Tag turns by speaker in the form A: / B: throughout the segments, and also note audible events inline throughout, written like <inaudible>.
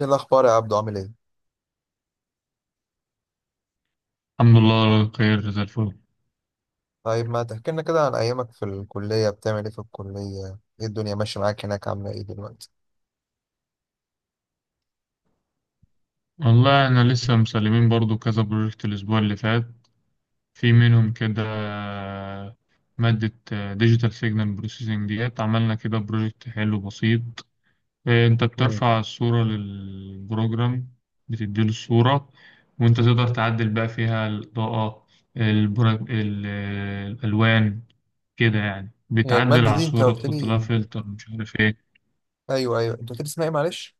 A: ايه الاخبار يا عبدو عامل ايه؟
B: الحمد لله على خير زي الفل.
A: طيب ما تحكي لنا كده عن ايامك في الكليه، بتعمل ايه في الكليه؟ ايه الدنيا ماشيه معاك هناك؟ عامله ايه دلوقتي؟
B: والله احنا لسه مسلمين برضو كذا بروجكت الاسبوع اللي فات في منهم كده. مادة ديجيتال سيجنال بروسيسنج ديت. عملنا كده بروجكت حلو بسيط. انت
A: مم.
B: بترفع الصورة للبروجرام، بتديله الصورة وانت تقدر تعدل بقى فيها الإضاءة، الألوان. كده يعني
A: هي
B: بتعدل
A: الماده
B: على
A: دي انت
B: الصورة
A: قلت
B: تحط لها
A: لي،
B: فلتر مش عارف ايه.
A: ايوه ايوه انت قلت لي اسمها ايه؟ معلش.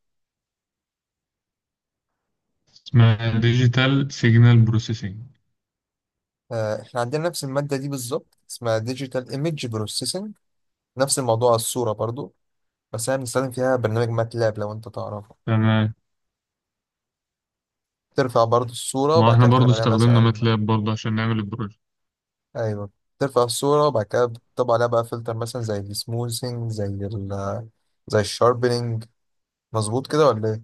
B: اسمها ديجيتال سيجنال بروسيسنج.
A: احنا عندنا نفس الماده دي بالظبط، اسمها ديجيتال ايمج بروسيسنج، نفس الموضوع الصوره برضو. بس احنا بنستخدم فيها برنامج ماتلاب لو انت تعرفه، ترفع برضو الصوره
B: ما
A: وبعد
B: احنا
A: كده بتعمل
B: برضو
A: عليها
B: استخدمنا
A: مثلا.
B: ماتلاب برضو عشان نعمل البروجكت.
A: ايوه، ترفع الصوره وبعد كده بتطبع عليها بقى فلتر، مثلا زي السموثينج، زي زي الشاربينج. مظبوط كده ولا ايه؟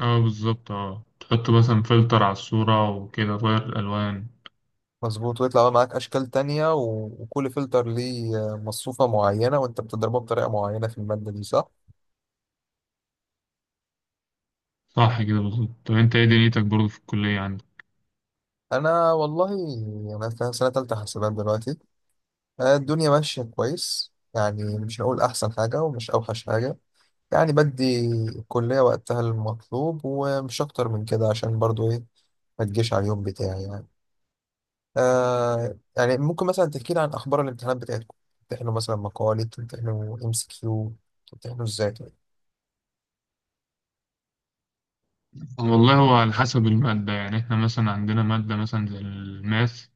B: اه بالظبط، اه تحط مثلا فلتر على الصورة وكده تغير الألوان.
A: مظبوط. ويطلع بقى معاك اشكال تانية وكل فلتر ليه مصفوفة معينة، وانت بتضربها بطريقة معينة في المادة دي، صح؟
B: صح كده بالظبط. طب انت ايه دنيتك برضو في الكلية عندك؟
A: انا والله، انا في سنة تالتة حاسبات دلوقتي. الدنيا ماشية كويس يعني، مش هقول احسن حاجة ومش اوحش حاجة يعني. بدي الكلية وقتها المطلوب ومش اكتر من كده، عشان برضو ايه، ما تجيش على اليوم بتاعي يعني. آه يعني ممكن مثلا تحكي لي عن اخبار الامتحانات بتاعتكم؟ بتمتحنوا مثلا مقالي، بتمتحنوا ام سي كيو، بتمتحنوا ازاي طيب؟
B: والله هو على حسب المادة. يعني احنا مثلا عندنا مادة مثلا زي الماث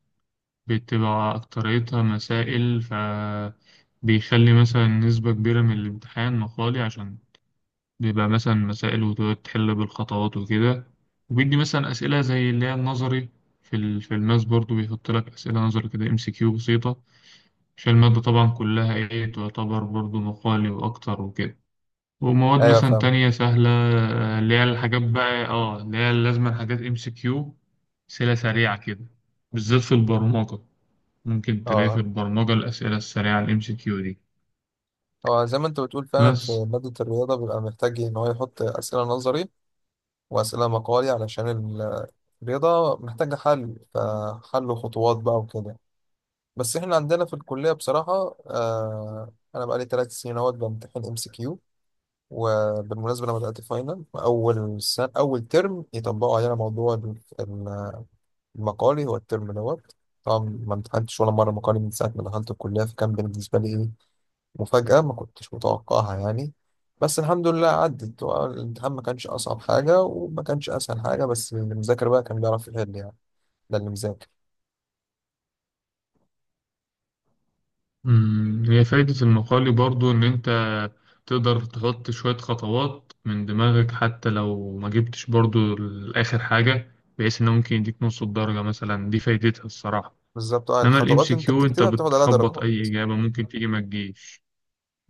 B: بتبقى أكتريتها مسائل، ف بيخلي مثلا نسبة كبيرة من الامتحان مقالي، عشان بيبقى مثلا مسائل وتقعد تحل بالخطوات وكده. وبيدي مثلا أسئلة زي اللي هي النظري في الماس برضو بيحط لك أسئلة نظري كده، ام سي كيو بسيطة، عشان المادة طبعا كلها ايه تعتبر برضو مقالي وأكتر وكده. ومواد
A: ايوه،
B: مثلا
A: فاهم.
B: تانية سهلة، اللي هي الحاجات بقى اه اللي هي لازما حاجات ام سي كيو، أسئلة سريعة كده، بالذات في البرمجة. ممكن تلاقي في
A: اه،
B: البرمجة الأسئلة السريعة الام سي كيو دي
A: هو زي ما انت بتقول فعلا، في
B: بس.
A: مادة الرياضة بيبقى محتاج ان هو يحط أسئلة نظري وأسئلة مقالي، علشان الرياضة محتاجة حل، فحل خطوات بقى وكده. بس احنا عندنا في الكلية بصراحة، آه، أنا بقالي ثلاث سنين اهوت بمتحن ام سي كيو، وبالمناسبة لما بدأت فاينل أول سنة أول ترم، يطبقوا علينا موضوع المقالي هو الترم دوت. طبعا ما امتحنتش ولا مرة مقالي من ساعة ما دخلت الكلية، فكان بالنسبة لي إيه، مفاجأة ما كنتش متوقعها يعني. بس الحمد لله عدت، هو الامتحان ما كانش أصعب حاجة وما كانش أسهل حاجة، بس اللي مذاكر بقى كان بيعرف يحل يعني، ده اللي مذاكر.
B: هي فايدة المقالي برضو إن أنت تقدر تحط شوية خطوات من دماغك حتى لو ما جبتش برضو لآخر حاجة، بحيث إنه ممكن يديك نص الدرجة مثلا. دي فايدتها الصراحة.
A: بالظبط، اه،
B: إنما الإم
A: الخطوات
B: سي
A: انت
B: كيو أنت
A: بتكتبها بتاخد عليها
B: بتخبط
A: درجات.
B: أي إجابة، ممكن تيجي ما تجيش.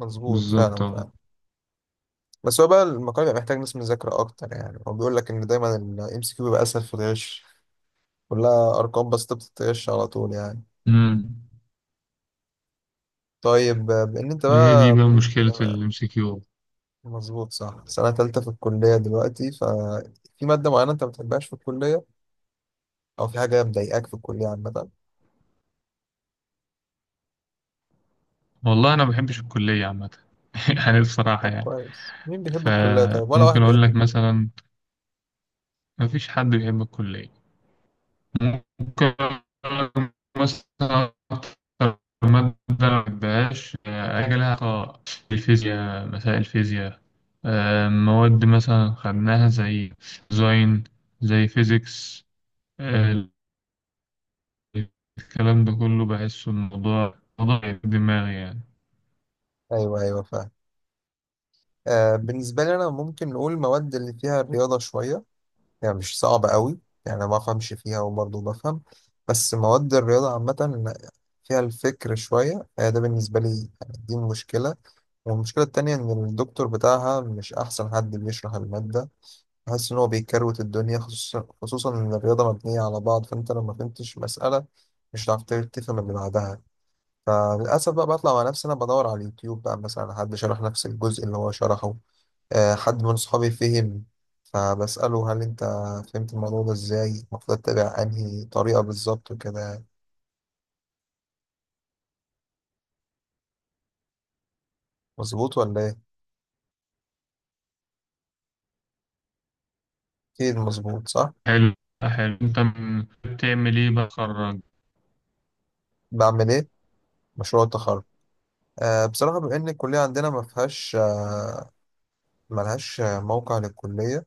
A: مظبوط، فعلا
B: بالظبط
A: فعلا
B: أه.
A: بس هو بقى المقال بيبقى محتاج ناس مذاكرة أكتر يعني، هو بيقول لك إن دايما الام سي كيو بيبقى أسهل في الغش، كلها أرقام بس، انت بتتغش على طول يعني.
B: امم
A: طيب آه، بإن أنت
B: هي دي
A: بقى
B: بقى
A: بتقول،
B: مشكلة الإم سي كيو.
A: مظبوط، صح. سنة تالتة في الكلية دلوقتي، ففي مادة معينة أنت ما بتحبهاش في الكلية او في حاجه مضايقاك في الكليه عامه؟
B: والله أنا ما بحبش الكلية عامة <laughs> يعني بصراحة
A: طب
B: يعني.
A: كويس، مين بيحب الكليه طيب؟ ولا
B: فممكن
A: واحد
B: أقول
A: بيحب
B: لك
A: الكليه.
B: مثلا ما فيش حد بيحب الكلية. ممكن أقولك مثلا أكتر مادة ما بحبهاش، حاجة لها علاقة بالفيزياء، مسائل الفيزياء. مواد مثلا خدناها زي ديزاين، زي فيزيكس.
A: جميل.
B: الكلام ده كله بحس الموضوع موضوع في دماغي يعني.
A: ايوه ايوه، فاهم. آه، بالنسبه لي انا ممكن نقول المواد اللي فيها رياضه شويه، يعني مش صعبه قوي، يعني ما افهمش فيها وبرضه بفهم، بس مواد الرياضه عامه فيها الفكر شويه، آه، ده بالنسبه لي يعني، دي مشكله. والمشكله التانية ان الدكتور بتاعها مش احسن حد بيشرح الماده، حاسس ان هو بيكروت الدنيا، خصوصا ان الرياضه مبنيه على بعض، فانت لو ما فهمتش مساله مش هتعرف تفهم اللي بعدها. فللاسف بقى، بطلع مع نفسي انا، بدور على اليوتيوب بقى مثلا على حد شرح نفس الجزء اللي هو شرحه، حد من صحابي فهم، فبساله هل انت فهمت الموضوع ده ازاي؟ المفروض اتبع انهي طريقه بالظبط وكده، مظبوط ولا ايه؟ اكيد مظبوط، صح.
B: حلو حلو. انت بتعمل ايه بتخرج؟
A: بعمل ايه؟ مشروع التخرج. أه، بصراحه بما ان الكليه عندنا ما فيهاش، ملهاش موقع للكليه،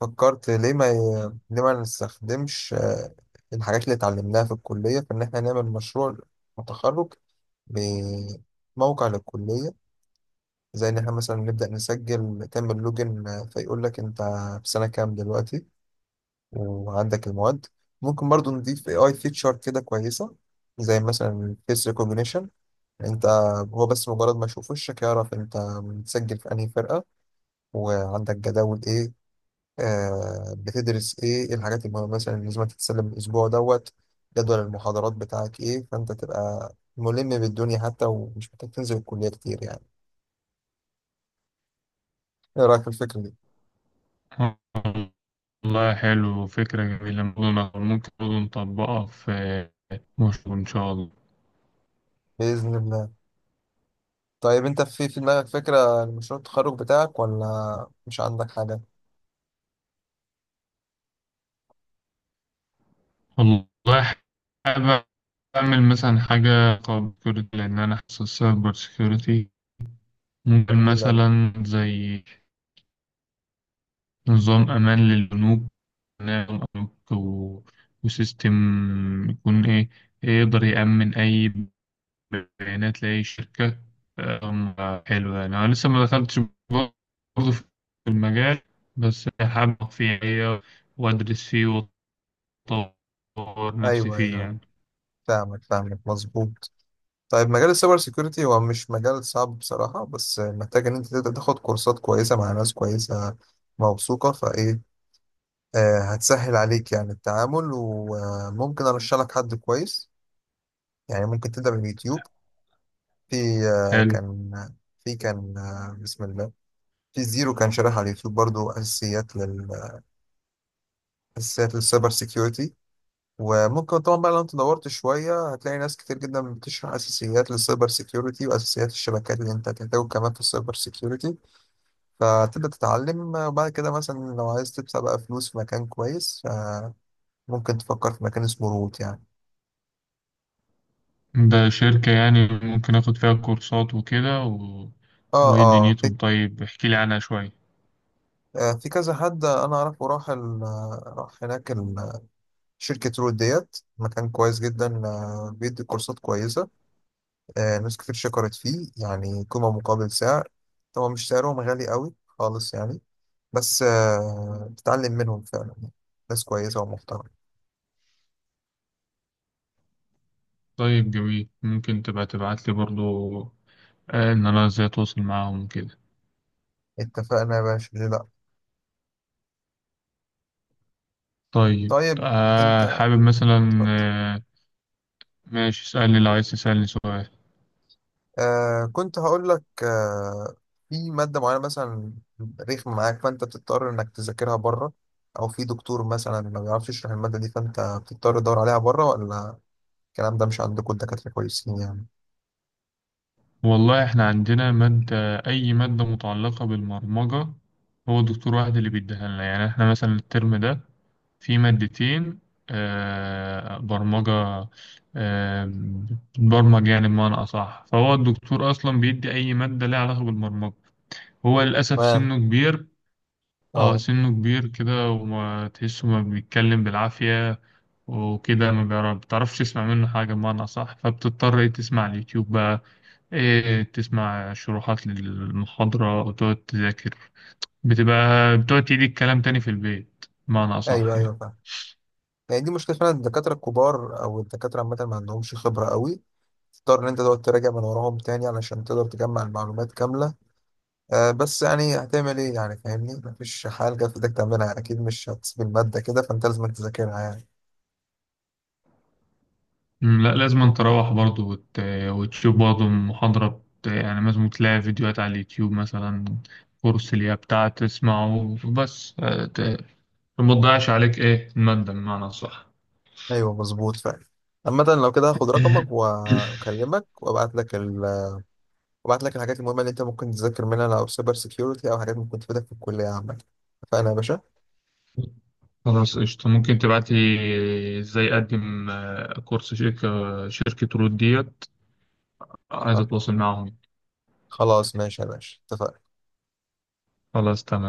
A: فكرت ليه ما ليه ما نستخدمش الحاجات اللي اتعلمناها في الكلية في إن إحنا نعمل مشروع تخرج بموقع للكلية. زي إن إحنا مثلا نبدأ نسجل، تعمل لوجن، فيقول لك أنت في سنة كام دلوقتي، وعندك المواد. ممكن برضو نضيف AI فيتشر كده كويسة، زي مثلا فيس ريكوجنيشن، أنت هو بس مجرد ما يشوف وشك يعرف أنت متسجل في أنهي فرقة، وعندك جداول إيه، آه، بتدرس ايه، ايه الحاجات المهمة مثلا اللي لازم تتسلم الاسبوع دوت، جدول المحاضرات بتاعك ايه، فانت تبقى ملم بالدنيا حتى ومش محتاج تنزل الكلية كتير يعني. ايه رأيك في الفكرة دي؟
B: والله حلو، فكرة جميلة. ممكن ممكن برضه نطبقها في مشروع إن شاء الله.
A: بإذن الله. طيب انت في دماغك فكرة لمشروع التخرج بتاعك ولا مش عندك حاجة؟
B: والله حابب أعمل مثلا حاجة خاصة بالسكيورتي، لأن أنا حاسس السايبر سكيورتي. ممكن
A: جميلة أوي.
B: مثلا زي نظام أمان للبنوك، نظام بنوك وسيستم يكون إيه يقدر يأمن أي بيانات لأي شركة. حلو، يعني أنا لسه ما دخلتش برضه في المجال، بس حابب أقف فيه يعني، وأدرس فيه وأطور نفسي
A: ايوه
B: فيه
A: ايوه،
B: يعني.
A: فاهمك، مظبوط. طيب مجال السايبر سيكيورتي هو مش مجال صعب بصراحة، بس محتاج ان انت تبدأ تاخد كورسات كويسة مع ناس كويسة موثوقة، فايه، آه، هتسهل عليك يعني التعامل. وممكن ارشح لك حد كويس يعني، ممكن تبدا من اليوتيوب. في، آه،
B: حلو،
A: كان، في كان، آه، بسم الله، في زيرو كان شارح على اليوتيوب برضو اساسيات اساسيات للسايبر سيكيورتي. وممكن طبعا بقى لو انت دورت شويه هتلاقي ناس كتير جدا بتشرح اساسيات للسايبر سيكيورتي واساسيات الشبكات اللي انت هتحتاجه كمان في السايبر سيكيورتي، فتبدا تتعلم. آه، وبعد كده مثلا لو عايز تدفع بقى فلوس في مكان كويس، آه، ممكن تفكر في مكان اسمه روت يعني.
B: ده شركة يعني ممكن آخد فيها كورسات وكده
A: اه
B: وإيه
A: اه، في،
B: دنيتهم؟ طيب احكيلي عنها شوية.
A: آه، في كذا حد انا اعرفه راح راح هناك شركة رود ديت، مكان كويس جدا، آه، بيدي كورسات كويسة، آه، ناس كتير شكرت فيه يعني، قيمة مقابل سعر، طبعا مش سعرهم غالي قوي خالص يعني، بس آه بتتعلم منهم فعلا، ناس كويسة ومحترمة.
B: طيب جميل، ممكن تبقى تبعتلي برضو، إن أنا إزاي أتواصل معاهم وكده.
A: اتفقنا يا باشا، ليه لا.
B: طيب
A: طيب
B: آه
A: انت،
B: حابب مثلا آه ماشي، اسألني لو عايز تسألني سؤال.
A: آه كنت هقول لك، آه، في مادة معينة مثلا رخمة معاك فأنت بتضطر إنك تذاكرها بره، أو في دكتور مثلا ما بيعرفش يشرح المادة دي فأنت بتضطر تدور عليها بره، ولا الكلام ده مش عندكم، الدكاترة كويسين يعني؟
B: والله إحنا عندنا مادة، أي مادة متعلقة بالبرمجة هو دكتور واحد اللي بيديها لنا. يعني إحنا مثلا الترم ده في مادتين، برمجة، آه، بتبرمج يعني بمعنى أصح. فهو الدكتور أصلا بيدي أي مادة ليها علاقة بالبرمجة. هو للأسف
A: تمام،
B: سنه كبير. اه
A: اه.
B: سنه كبير كده وما تحسه، ما بيتكلم بالعافية وكده. ما بيعرف- بتعرفش تسمع منه حاجة بمعنى أصح، فبتضطر إيه تسمع على اليوتيوب بقى، إيه تسمع شروحات للمحاضرة وتقعد تذاكر. بتبقى بتقعد تعيد الكلام تاني في البيت بمعنى
A: أيوه
B: أصح يعني.
A: أيوه، فاهم. يعني دي مشكلة فعلا، الدكاترة الكبار أو الدكاترة عامة ما عندهمش خبرة قوي، تضطر إن أنت تقعد تراجع من وراهم تاني علشان تقدر تجمع المعلومات كاملة. آه، بس يعني هتعمل ايه يعني، فاهمني، مفيش حاجة جت في ايدك تعملها يعني، اكيد مش هتسيب المادة كده فانت لازم تذاكرها يعني.
B: لا لازم أن تروح برضه وتشوف برضه يعني لازم تلاقي فيديوهات على اليوتيوب مثلا، كورس اللي هي بتاع تسمعه بس، ما تضيعش عليك إيه المادة بمعنى صح.
A: ايوه، مظبوط فعلا. عامة لو كده هاخد رقمك
B: <laughs>
A: واكلمك وابعت لك وابعت لك الحاجات المهمة اللي انت ممكن تذاكر منها، لو سايبر سيكيورتي او حاجات ممكن تفيدك في الكلية عامة. اتفقنا يا باشا.
B: خلاص قشطة. ممكن تبعتي إزاي أقدم، كورس شركة، شركة رود ديت، عايز أتواصل معاهم.
A: خلاص ماشي يا باشا، اتفقنا.
B: خلاص تمام.